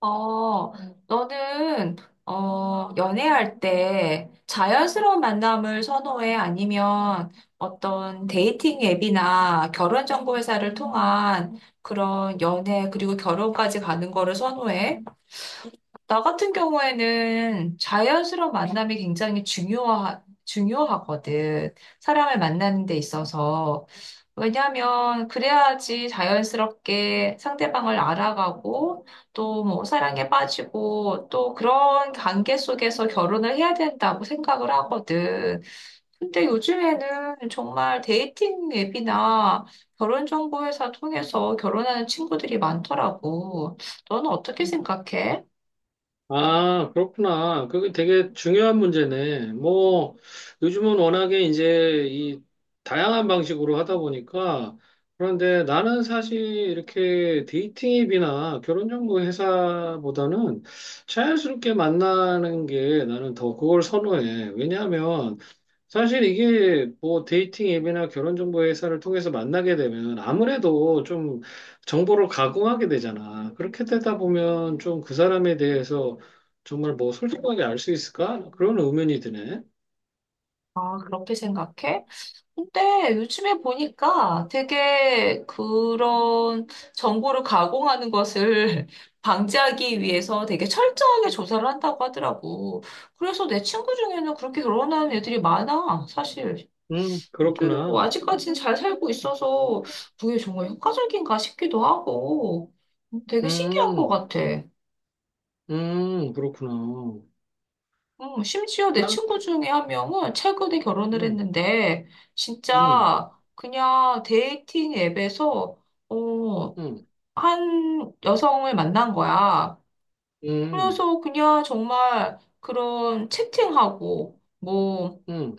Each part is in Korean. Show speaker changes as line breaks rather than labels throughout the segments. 어, 너는, 연애할 때 자연스러운 만남을 선호해? 아니면 어떤 데이팅 앱이나 결혼정보 회사를 통한 그런 연애, 그리고 결혼까지 가는 거를 선호해? 나 같은 경우에는 자연스러운 만남이 굉장히 중요하거든. 사람을 만나는 데 있어서. 왜냐하면 그래야지 자연스럽게 상대방을 알아가고 또 뭐 사랑에 빠지고 또 그런 관계 속에서 결혼을 해야 된다고 생각을 하거든. 근데 요즘에는 정말 데이팅 앱이나 결혼 정보 회사 통해서 결혼하는 친구들이 많더라고. 너는 어떻게 생각해?
아, 그렇구나. 그게 되게 중요한 문제네. 뭐, 요즘은 워낙에 이제 이 다양한 방식으로 하다 보니까, 그런데 나는 사실 이렇게 데이팅 앱이나 결혼 정보 회사보다는 자연스럽게 만나는 게 나는 더 그걸 선호해. 왜냐하면 사실 이게 뭐 데이팅 앱이나 결혼 정보 회사를 통해서 만나게 되면 아무래도 좀 정보를 가공하게 되잖아. 그렇게 되다 보면 좀 그 사람에 대해서 정말 뭐 솔직하게 알 수 있을까? 그런 의문이 드네.
아, 그렇게 생각해? 근데 요즘에 보니까 되게 그런 정보를 가공하는 것을 방지하기 위해서 되게 철저하게 조사를 한다고 하더라고. 그래서 내 친구 중에는 그렇게 결혼하는 애들이 많아, 사실. 근데 뭐
그렇구나.
아직까지는 잘 살고 있어서 그게 정말 효과적인가 싶기도 하고 되게 신기한 것
음,
같아.
그렇구나.
심지어 내
나는,
친구 중에 한 명은 최근에 결혼을
음,
했는데,
음,
진짜 그냥 데이팅 앱에서, 어,
음,
한 여성을 만난 거야.
음,
그래서 그냥 정말 그런 채팅하고, 뭐,
음,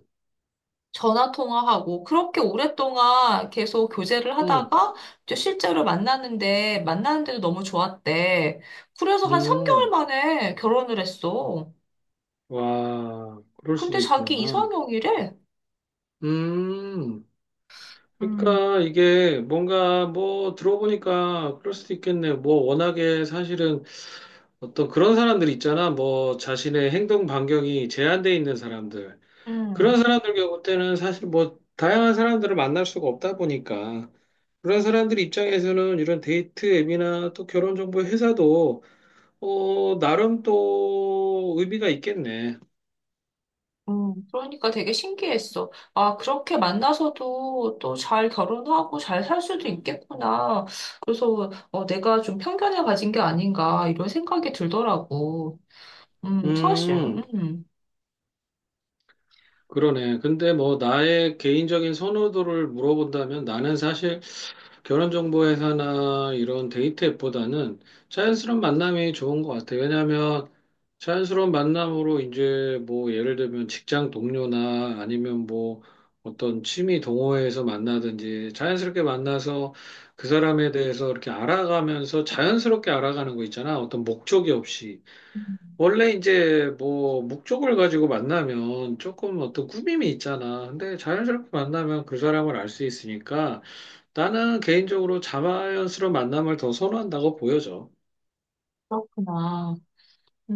전화 통화하고, 그렇게 오랫동안 계속 교제를
음,
하다가, 이제 실제로 만났는데, 만났는데도 너무 좋았대. 그래서 한 3개월
음.
만에 결혼을 했어.
와, 그럴
근데
수도
자기
있구나.
이상형이래.
음. 그러니까 이게 뭔가 뭐 들어보니까 그럴 수도 있겠네. 뭐 워낙에 사실은 어떤 그런 사람들 있잖아. 뭐 자신의 행동 반경이 제한돼 있는 사람들. 그런
음.
사람들 경우 때는 사실 뭐 다양한 사람들을 만날 수가 없다 보니까 그런 사람들 입장에서는 이런 데이트 앱이나 또 결혼 정보 회사도 나름 또 의미가 있겠네.
그러니까 되게 신기했어. 아, 그렇게 만나서도 또 잘 결혼하고 잘 살 수도 있겠구나. 그래서 내가 좀 편견을 가진 게 아닌가 이런 생각이 들더라고. 사실,
음.
음,
그러네. 근데 뭐 나의 개인적인 선호도를 물어본다면 나는 사실 결혼정보회사나 이런 데이트 앱보다는 자연스러운 만남이 좋은 것 같아요. 왜냐하면 자연스러운 만남으로 이제 뭐 예를 들면 직장 동료나 아니면 뭐 어떤 취미 동호회에서 만나든지 자연스럽게 만나서 그 사람에 대해서 이렇게 알아가면서 자연스럽게 알아가는 거 있잖아. 어떤 목적이 없이. 원래 이제 뭐 목적을 가지고 만나면 조금 어떤 꾸밈이 있잖아. 근데 자연스럽게 만나면 그 사람을 알 수 있으니까 나는 개인적으로 자연스러운 만남을 더 선호한다고 보여져.
그렇구나.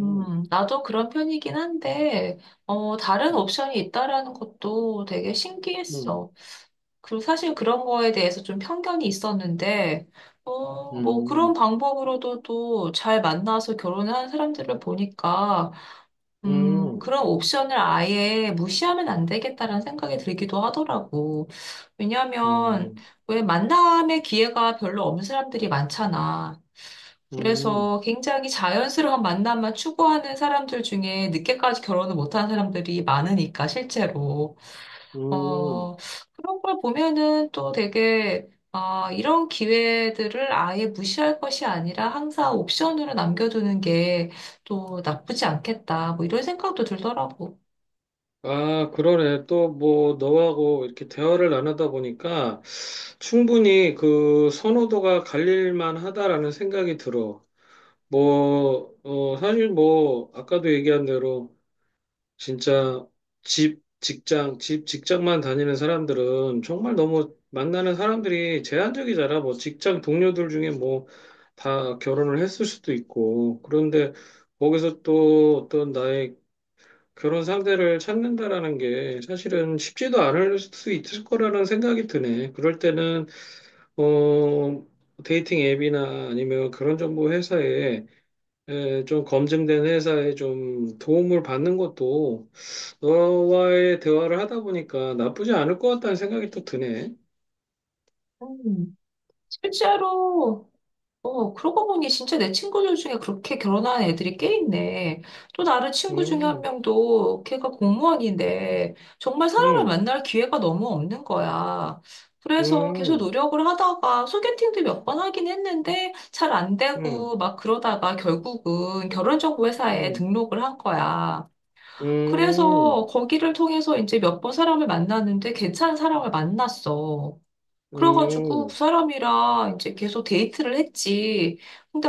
음,
나도 그런 편이긴 한데, 다른
음,
옵션이 있다라는 것도 되게
음,
신기했어. 그 사실 그런 거에 대해서 좀 편견이 있었는데, 뭐 그런
음,
방법으로도 또 잘 만나서 결혼을 한 사람들을 보니까,
음,
그런 옵션을 아예 무시하면 안 되겠다라는 생각이 들기도 하더라고. 왜냐하면
음,
왜 만남의 기회가 별로 없는 사람들이 많잖아.
음,
그래서 굉장히 자연스러운 만남만 추구하는 사람들 중에 늦게까지 결혼을 못한 사람들이 많으니까, 실제로.
음.
어, 그런 걸 보면은 또 되게, 아, 이런 기회들을 아예 무시할 것이 아니라 항상 옵션으로 남겨두는 게 또 나쁘지 않겠다. 뭐 이런 생각도 들더라고.
아, 그러네. 또 뭐 너하고 이렇게 대화를 나누다 보니까 충분히 그 선호도가 갈릴 만하다라는 생각이 들어. 뭐, 사실 뭐, 아까도 얘기한 대로, 진짜 집, 직장, 집, 직장만 다니는 사람들은 정말 너무 만나는 사람들이 제한적이잖아. 뭐, 직장 동료들 중에 뭐, 다 결혼을 했을 수도 있고. 그런데 거기서 또 어떤 나의 결혼 상대를 찾는다라는 게 사실은 쉽지도 않을 수 있을 거라는 생각이 드네. 그럴 때는, 어, 데이팅 앱이나 아니면 그런 정보 회사에 예, 좀 검증된 회사에 좀 도움을 받는 것도 너와의 대화를 하다 보니까 나쁘지 않을 것 같다는 생각이 또 드네.
음, 실제로 그러고 보니 진짜 내 친구들 중에 그렇게 결혼한 애들이 꽤 있네. 또 다른 친구 중에 한
음,
명도 걔가 공무원인데 정말 사람을
음,
만날 기회가 너무 없는 거야. 그래서 계속
음,
노력을 하다가 소개팅도 몇 번 하긴 했는데 잘 안
음,
되고 막 그러다가 결국은 결혼정보회사에
음,
등록을 한 거야.
음,
그래서 거기를 통해서 이제 몇 번 사람을 만났는데 괜찮은 사람을 만났어. 그래가지고 그
음,
사람이랑 이제 계속 데이트를 했지. 근데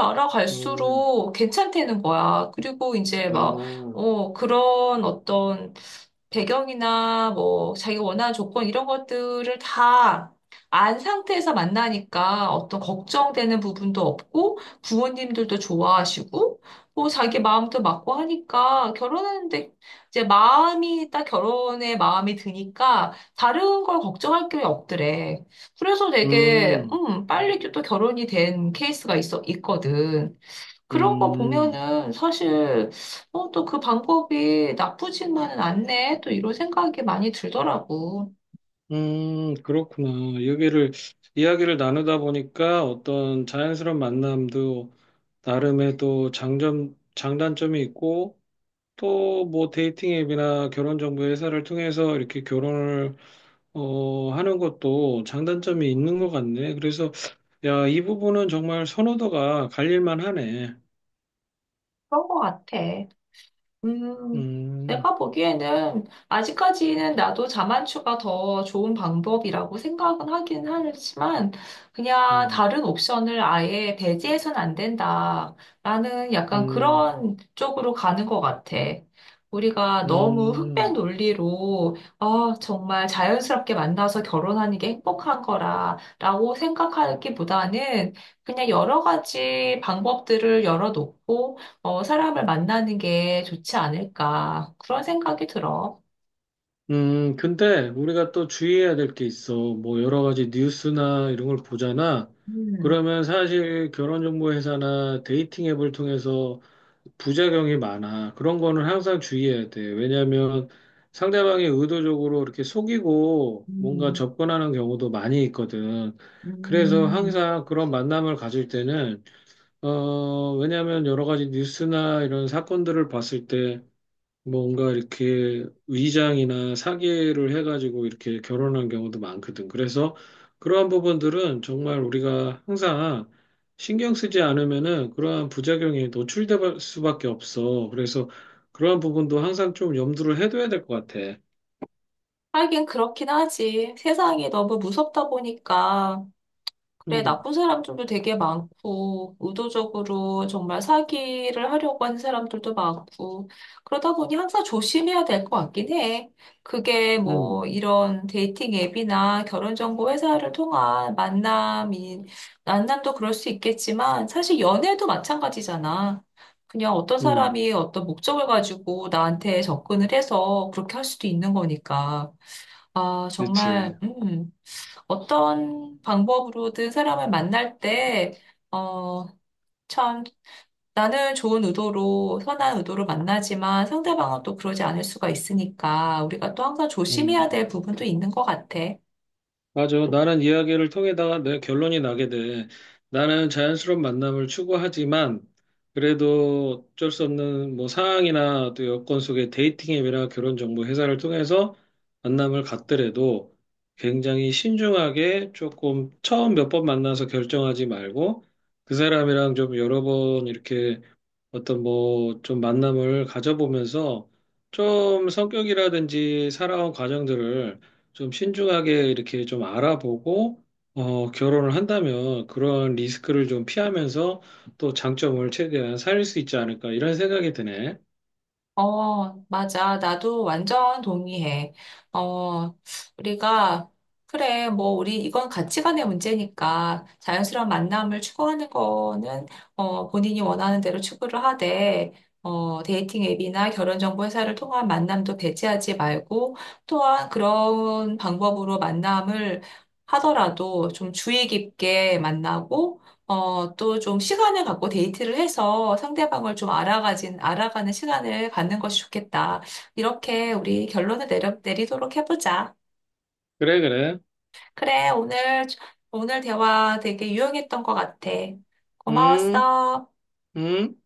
음,
알아갈수록 괜찮다는 거야. 그리고 이제 막,
아,
그런 어떤 배경이나 뭐 자기가 원하는 조건 이런 것들을 다 안 상태에서 만나니까 어떤 걱정되는 부분도 없고 부모님들도 좋아하시고 뭐 자기 마음도 맞고 하니까 결혼하는데 이제 마음이 딱 결혼에 마음이 드니까 다른 걸 걱정할 게 없더래. 그래서 되게,
음,
빨리 또 결혼이 된 케이스가 있어, 있거든. 그런 거
음,
보면은 사실, 또 그 방법이 나쁘지만은 않네. 또 이런 생각이 많이 들더라고.
그렇구나. 여기를, 이야기를 나누다 보니까 어떤 자연스러운 만남도 나름의 또 장점, 장단점이 있고, 또 뭐 데이팅 앱이나 결혼 정보 회사를 통해서 이렇게 결혼을 하는 것도 장단점이 있는 것 같네. 그래서 야, 이 부분은 정말 선호도가 갈릴만 하네.
그런 거 같아. 음,
음,
내가 보기에는 아직까지는 나도 자만추가 더 좋은 방법이라고 생각은 하긴 하지만 그냥
음,
다른 옵션을 아예 배제해서는 안 된다라는 약간
음,
그런 쪽으로 가는 것 같아. 우리가 너무 흑백
음,
논리로 아, 정말 자연스럽게 만나서 결혼하는 게 행복한 거라라고 생각하기보다는 그냥 여러 가지 방법들을 열어놓고 사람을 만나는 게 좋지 않을까. 그런 생각이 들어.
근데 우리가 또 주의해야 될 게 있어. 뭐 여러 가지 뉴스나 이런 걸 보잖아.
음.
그러면 사실 결혼정보 회사나 데이팅 앱을 통해서 부작용이 많아. 그런 거는 항상 주의해야 돼. 왜냐하면 상대방이 의도적으로 이렇게 속이고 뭔가
음.
접근하는 경우도 많이 있거든. 그래서
음.
항상 그런 만남을 가질 때는, 왜냐하면 여러 가지 뉴스나 이런 사건들을 봤을 때 뭔가 이렇게 위장이나 사기를 해가지고 이렇게 결혼한 경우도 많거든. 그래서 그러한 부분들은 정말 우리가 항상 신경 쓰지 않으면은 그러한 부작용에 노출될 수밖에 없어. 그래서 그러한 부분도 항상 좀 염두를 해둬야 될 것 같아.
하긴 그렇긴 하지. 세상이 너무 무섭다 보니까. 그래,
음,
나쁜 사람들도 되게 많고, 의도적으로 정말 사기를 하려고 하는 사람들도 많고, 그러다 보니 항상 조심해야 될 것 같긴 해. 그게
음,
뭐 이런 데이팅 앱이나 결혼정보 회사를 통한 만남이, 만남도 그럴 수 있겠지만, 사실 연애도 마찬가지잖아. 그냥 어떤
음,
사람이 어떤 목적을 가지고 나한테 접근을 해서 그렇게 할 수도 있는 거니까. 아,
그렇지.
정말, 어떤 방법으로든 사람을 만날 때, 어, 참, 나는 좋은 의도로, 선한 의도로 만나지만 상대방은 또 그러지 않을 수가 있으니까 우리가 또 항상 조심해야
음.
될 부분도 있는 것 같아.
맞아. 나는 이야기를 통해다가 내 결론이 나게 돼. 나는 자연스러운 만남을 추구하지만 그래도 어쩔 수 없는 뭐 상황이나 또 여건 속에 데이팅 앱이나 결혼 정보 회사를 통해서 만남을 갖더라도 굉장히 신중하게 조금 처음 몇 번 만나서 결정하지 말고 그 사람이랑 좀 여러 번 이렇게 어떤 뭐 좀 만남을 가져보면서 좀 성격이라든지 살아온 과정들을 좀 신중하게 이렇게 좀 알아보고 결혼을 한다면 그런 리스크를 좀 피하면서 또 장점을 최대한 살릴 수 있지 않을까 이런 생각이 드네.
어, 맞아. 나도 완전 동의해. 어, 우리가, 그래, 뭐, 우리, 이건 가치관의 문제니까 자연스러운 만남을 추구하는 거는, 본인이 원하는 대로 추구를 하되, 데이팅 앱이나 결혼정보회사를 통한 만남도 배제하지 말고, 또한 그런 방법으로 만남을 하더라도 좀 주의 깊게 만나고, 또 좀 시간을 갖고 데이트를 해서 상대방을 좀 알아가는 시간을 갖는 것이 좋겠다. 이렇게 우리 결론을 내리도록 해보자.
그래, 그래.
그래, 오늘 대화 되게 유용했던 것 같아.
음,
고마웠어.
음.